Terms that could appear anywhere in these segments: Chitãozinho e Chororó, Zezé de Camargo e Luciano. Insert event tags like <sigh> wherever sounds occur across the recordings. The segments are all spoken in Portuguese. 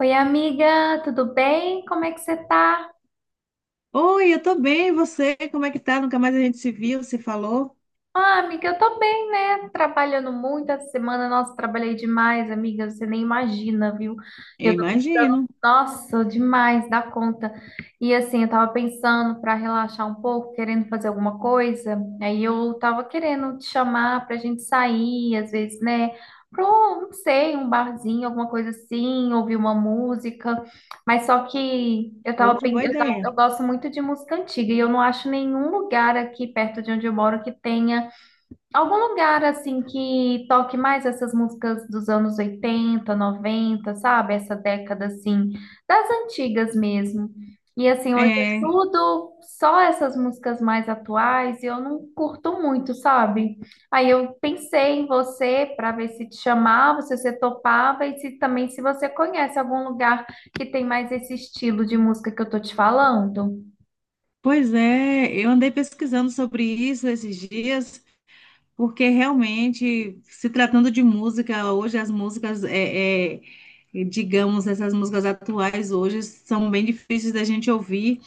Oi, amiga, tudo bem? Como é que você tá? Oi, eu tô bem, e você? Como é que tá? Nunca mais a gente se viu, se falou? Ah, amiga, eu tô bem, né? Trabalhando muito essa semana. Nossa, trabalhei demais, amiga. Você nem imagina, viu? Eu Eu tô precisando, imagino. nossa, demais dá conta. E assim, eu tava pensando pra relaxar um pouco, querendo fazer alguma coisa. Aí eu tava querendo te chamar pra gente sair, às vezes, né? Pra, não sei, um barzinho, alguma coisa assim, ouvir uma música. Mas só que Outra boa eu tava, ideia. eu gosto muito de música antiga e eu não acho nenhum lugar aqui perto de onde eu moro que tenha algum lugar assim que toque mais essas músicas dos anos 80, 90, sabe? Essa década assim, das antigas mesmo. E assim, hoje é É, tudo só essas músicas mais atuais e eu não curto muito, sabe? Aí eu pensei em você para ver se te chamava, se você topava e se também se você conhece algum lugar que tem mais esse estilo de música que eu tô te falando. Pois é, eu andei pesquisando sobre isso esses dias, porque realmente, se tratando de música, hoje as músicas, digamos, essas músicas atuais hoje são bem difíceis da gente ouvir.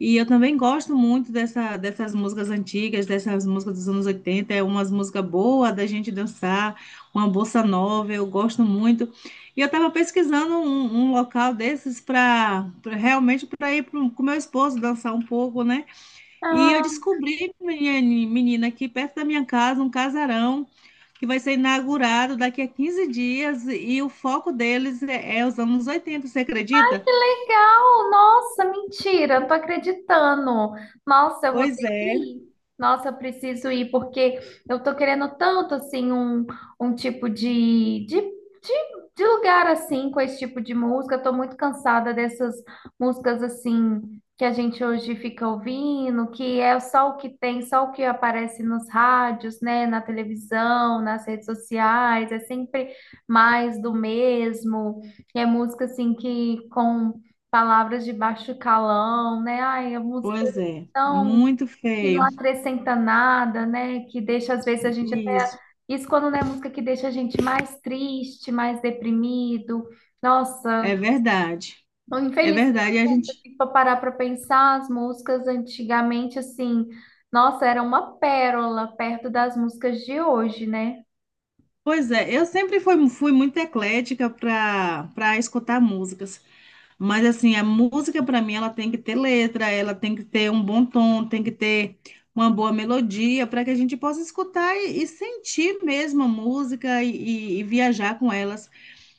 E eu também gosto muito dessas músicas antigas, dessas músicas dos anos 80, é umas músicas boas da gente dançar, uma bossa nova, eu gosto muito. E eu estava pesquisando um local desses para realmente para ir pro, com meu esposo dançar um pouco, né? E eu descobri, menina, aqui perto da minha casa, um casarão que vai ser inaugurado daqui a 15 dias e o foco deles é os anos 80, você acredita? Legal! Nossa, mentira, não tô acreditando. Nossa, eu vou Pois ter que é, ir. Nossa, eu preciso ir, porque eu tô querendo tanto, assim, um tipo de lugar, assim, com esse tipo de música. Eu tô muito cansada dessas músicas, assim, que a gente hoje fica ouvindo, que é só o que tem, só o que aparece nos rádios, né, na televisão, nas redes sociais. É sempre mais do mesmo. É música assim que com palavras de baixo calão, né? Ai, a música pois é é, tão muito que não feio. acrescenta nada, né? Que deixa às vezes a gente até, Isso, isso quando não é música que deixa a gente mais triste, mais deprimido. Nossa, é verdade. É infelizmente, verdade, e a se a gente. gente for parar para pensar, as músicas antigamente assim, nossa, era uma pérola perto das músicas de hoje, né? Pois é, eu sempre fui muito eclética para para escutar músicas. Mas assim, a música para mim ela tem que ter letra, ela tem que ter um bom tom, tem que ter uma boa melodia para que a gente possa escutar e sentir mesmo a música e viajar com elas.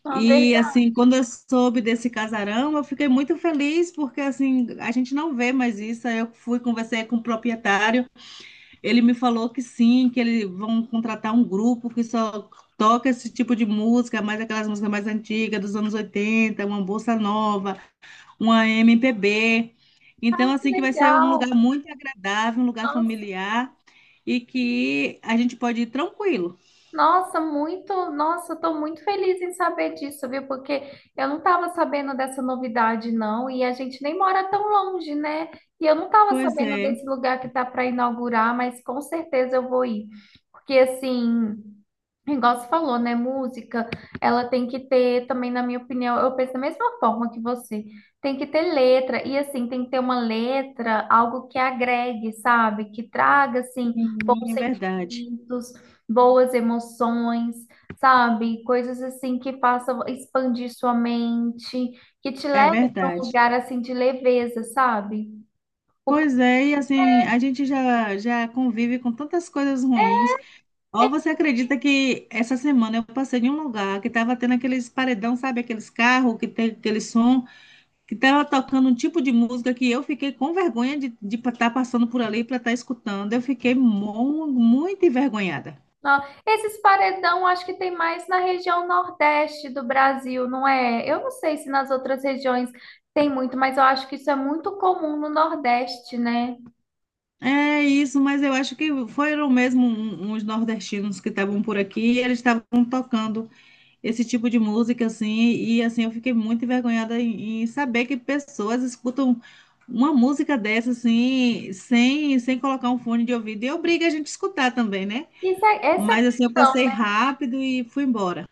Uma E verdade, assim, quando eu soube desse casarão, eu fiquei muito feliz porque assim, a gente não vê mais isso. Aí eu fui conversei com o proprietário. Ele me falou que sim, que eles vão contratar um grupo que só toca esse tipo de música, mais aquelas músicas mais antigas, dos anos 80, uma bossa nova, uma MPB. Então, assim, que vai ser um lugar legal. muito agradável, um lugar familiar e que a gente pode ir tranquilo. Nossa, muito, nossa, estou muito feliz em saber disso, viu? Porque eu não estava sabendo dessa novidade, não, e a gente nem mora tão longe, né? E eu não estava Pois sabendo é, desse lugar que tá para inaugurar, mas com certeza eu vou ir. Porque assim. Igual você falou, né? Música, ela tem que ter também, na minha opinião, eu penso da mesma forma que você. Tem que ter letra, e assim, tem que ter uma letra, algo que agregue, sabe? Que traga, assim, sim, bons é verdade, sentimentos, boas emoções, sabe? Coisas assim que façam expandir sua mente, que te é leve para um verdade. lugar, assim, de leveza, sabe? Pois é, e assim, a gente já convive com tantas coisas ruins. Ou você acredita que essa semana eu passei em um lugar que estava tendo aqueles paredão, sabe? Aqueles carros que tem aquele som, que estava tocando um tipo de música que eu fiquei com vergonha de estar passando por ali para estar escutando. Eu fiquei muito envergonhada. Não, esses paredão acho que tem mais na região nordeste do Brasil, não é? Eu não sei se nas outras regiões tem muito, mas eu acho que isso é muito comum no Nordeste, né? É isso, mas eu acho que foram mesmo uns nordestinos que estavam por aqui e eles estavam tocando esse tipo de música, assim, e assim, eu fiquei muito envergonhada em saber que pessoas escutam uma música dessa, assim, sem colocar um fone de ouvido, e obriga a gente a escutar também, né? Isso é, essa é a Mas assim, eu questão. passei rápido e fui embora.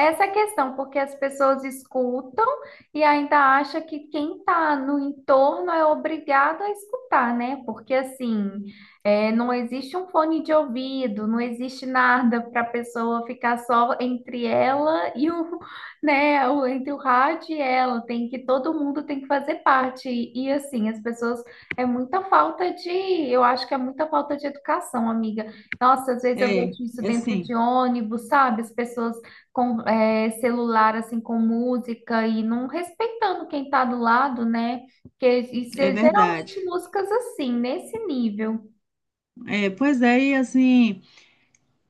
Essa é a questão, porque as pessoas escutam e ainda acha que quem está no entorno é obrigado a escutar, né? Porque assim, é, não existe um fone de ouvido, não existe nada para a pessoa ficar só entre ela e o, <laughs> né, o- entre o rádio e ela. Tem que todo mundo tem que fazer parte. E assim, as pessoas é muita falta de, eu acho que é muita falta de educação, amiga. Nossa, às vezes eu vejo É, isso é dentro de assim, ônibus, sabe? As pessoas com celular assim com música e não respeitando quem está do lado, né? Porque isso é é verdade. geralmente músicas assim, nesse nível. É, pois é, e assim,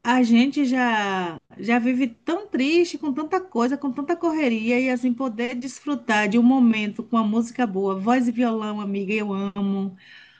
a gente já vive tão triste com tanta coisa, com tanta correria, e assim, poder desfrutar de um momento com a música boa, voz e violão, amiga, eu amo.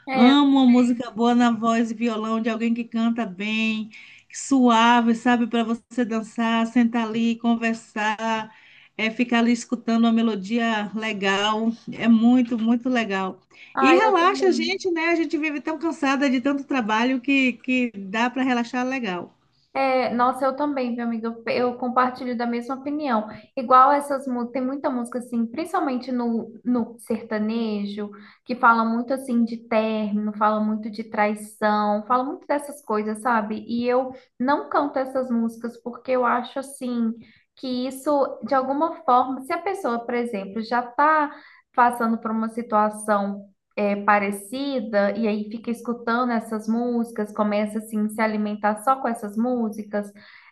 É, Amo uma música boa na voz e violão de alguém que canta bem, suave, sabe, para você dançar, sentar ali, conversar, é, ficar ali escutando uma melodia legal. É muito, muito legal. E ah eu relaxa a também. gente, né? A gente vive tão cansada de tanto trabalho que dá para relaxar legal. É, nossa, eu também, meu amigo, eu compartilho da mesma opinião. Igual essas músicas, tem muita música assim, principalmente no sertanejo, que fala muito assim de término, fala muito de traição, fala muito dessas coisas, sabe? E eu não canto essas músicas porque eu acho assim que isso, de alguma forma, se a pessoa, por exemplo, já tá passando por uma situação é, parecida e aí fica escutando essas músicas, começa assim a se alimentar só com essas músicas,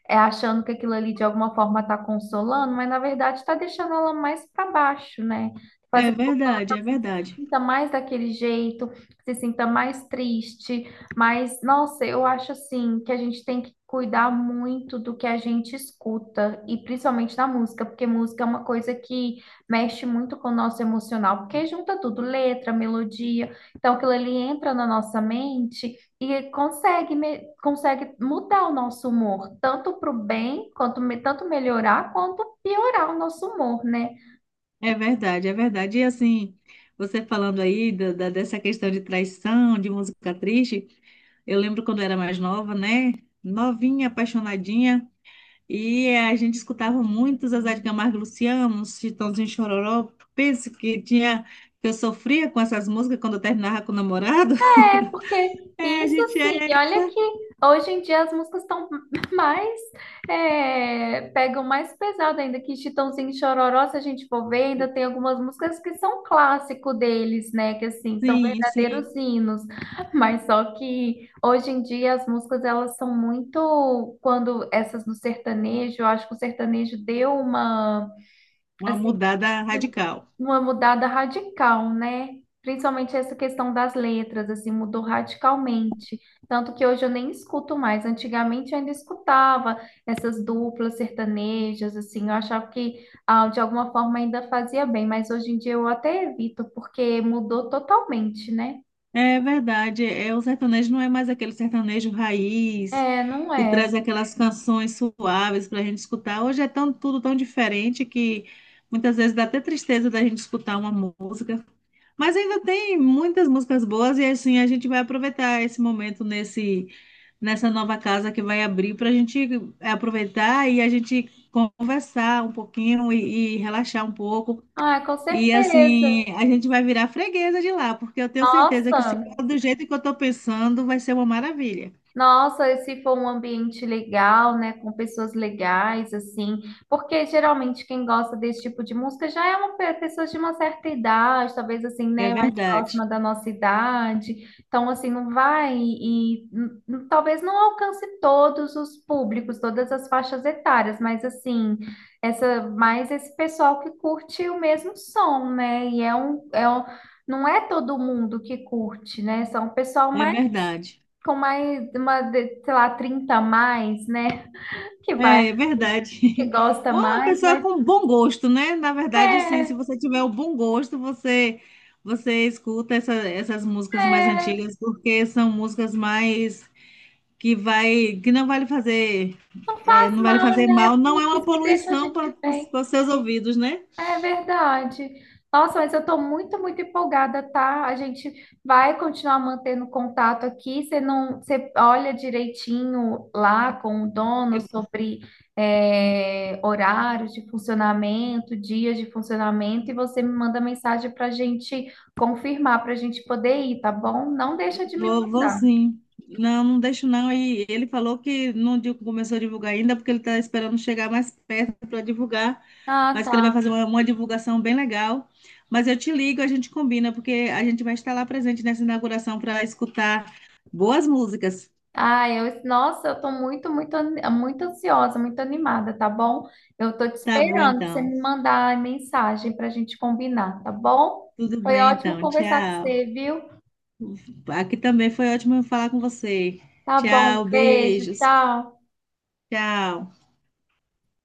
é, achando que aquilo ali de alguma forma está consolando, mas na verdade está deixando ela mais para baixo, né? É Fazendo verdade, é verdade. sinta mais daquele jeito, se sinta mais triste, mas nossa, eu acho assim que a gente tem que cuidar muito do que a gente escuta e principalmente na música, porque música é uma coisa que mexe muito com o nosso emocional, porque junta tudo, letra, melodia, então aquilo ali entra na nossa mente e consegue mudar o nosso humor, tanto para o bem, tanto melhorar quanto piorar o nosso humor, né? É verdade, é verdade. E assim, você falando aí dessa questão de traição, de música triste. Eu lembro quando eu era mais nova, né? Novinha, apaixonadinha. E a gente escutava muito Zezé de Camargo e Luciano, os Chitãozinho e Chororó. Penso que tinha, que eu sofria com essas músicas quando eu terminava com o namorado. <laughs> É porque É, a isso gente assim, é, e olha que hoje em dia as músicas estão <laughs> mais, é, pegam mais pesado ainda, que Chitãozinho e Chororó, se a gente for ver, ainda tem algumas músicas que são clássico deles, né, que assim, são sim, sim, verdadeiros hinos, mas só que hoje em dia as músicas, elas são muito, quando essas no sertanejo, eu acho que o sertanejo deu uma, uma assim, mudada radical. uma mudada radical, né? Principalmente essa questão das letras, assim, mudou radicalmente. Tanto que hoje eu nem escuto mais. Antigamente eu ainda escutava essas duplas sertanejas, assim, eu achava que ah, de alguma forma ainda fazia bem, mas hoje em dia eu até evito, porque mudou totalmente, né? É verdade, é, o sertanejo não é mais aquele sertanejo raiz É, não que é? traz aquelas canções suaves para a gente escutar. Hoje é tão, tudo tão diferente que muitas vezes dá até tristeza da gente escutar uma música. Mas ainda tem muitas músicas boas e assim a gente vai aproveitar esse momento nesse nessa nova casa que vai abrir para a gente aproveitar e a gente conversar um pouquinho e relaxar um pouco. Ah, com E certeza. assim, a gente vai virar freguesa de lá, porque eu tenho certeza que se Nossa, for do jeito que eu estou pensando, vai ser uma maravilha. nossa, e se for um ambiente legal, né, com pessoas legais, assim, porque geralmente quem gosta desse tipo de música já é uma pessoa de uma certa idade, talvez assim, É né, mais verdade, próxima da nossa idade, então assim, não vai e, talvez não alcance todos os públicos, todas as faixas etárias, mas assim, essa, mais esse pessoal que curte o mesmo som, né, e não é todo mundo que curte, né, são o pessoal é mais verdade, com mais, sei lá, 30 a mais, né? Que vai, é que verdade. <laughs> gosta Ou uma mais, pessoa mas com bom gosto, né? Na verdade, assim, se é, você tiver o bom gosto, você escuta essas músicas mais é, antigas, porque são músicas mais que vai que não vai lhe fazer não é, faz não vai lhe mal, fazer né? mal, não é uma Músicas que deixam a poluição para gente bem. os seus ouvidos, né? É verdade. Nossa, mas eu estou muito, muito empolgada, tá? A gente vai continuar mantendo contato aqui. Você não, você olha direitinho lá com o dono sobre horários de funcionamento, dias de funcionamento, e você me manda mensagem para a gente confirmar, para a gente poder ir, tá bom? Não deixa de me Vou, vou mandar. sim. Não, não deixo não. E ele falou que não começou a divulgar ainda, é porque ele está esperando chegar mais perto para divulgar, Ah, mas que ele vai tá. fazer uma divulgação bem legal. Mas eu te ligo, a gente combina, porque a gente vai estar lá presente nessa inauguração para escutar boas músicas. Ai, eu, nossa, eu tô muito, muito, muito ansiosa, muito animada, tá bom? Eu tô te Tá bom, esperando pra você então. me mandar a mensagem pra gente combinar, tá bom? Tudo Foi bem, ótimo então. conversar com Tchau. você, viu? Aqui também foi ótimo falar com você. Tá bom, Tchau, beijo, beijos. tchau. Tchau.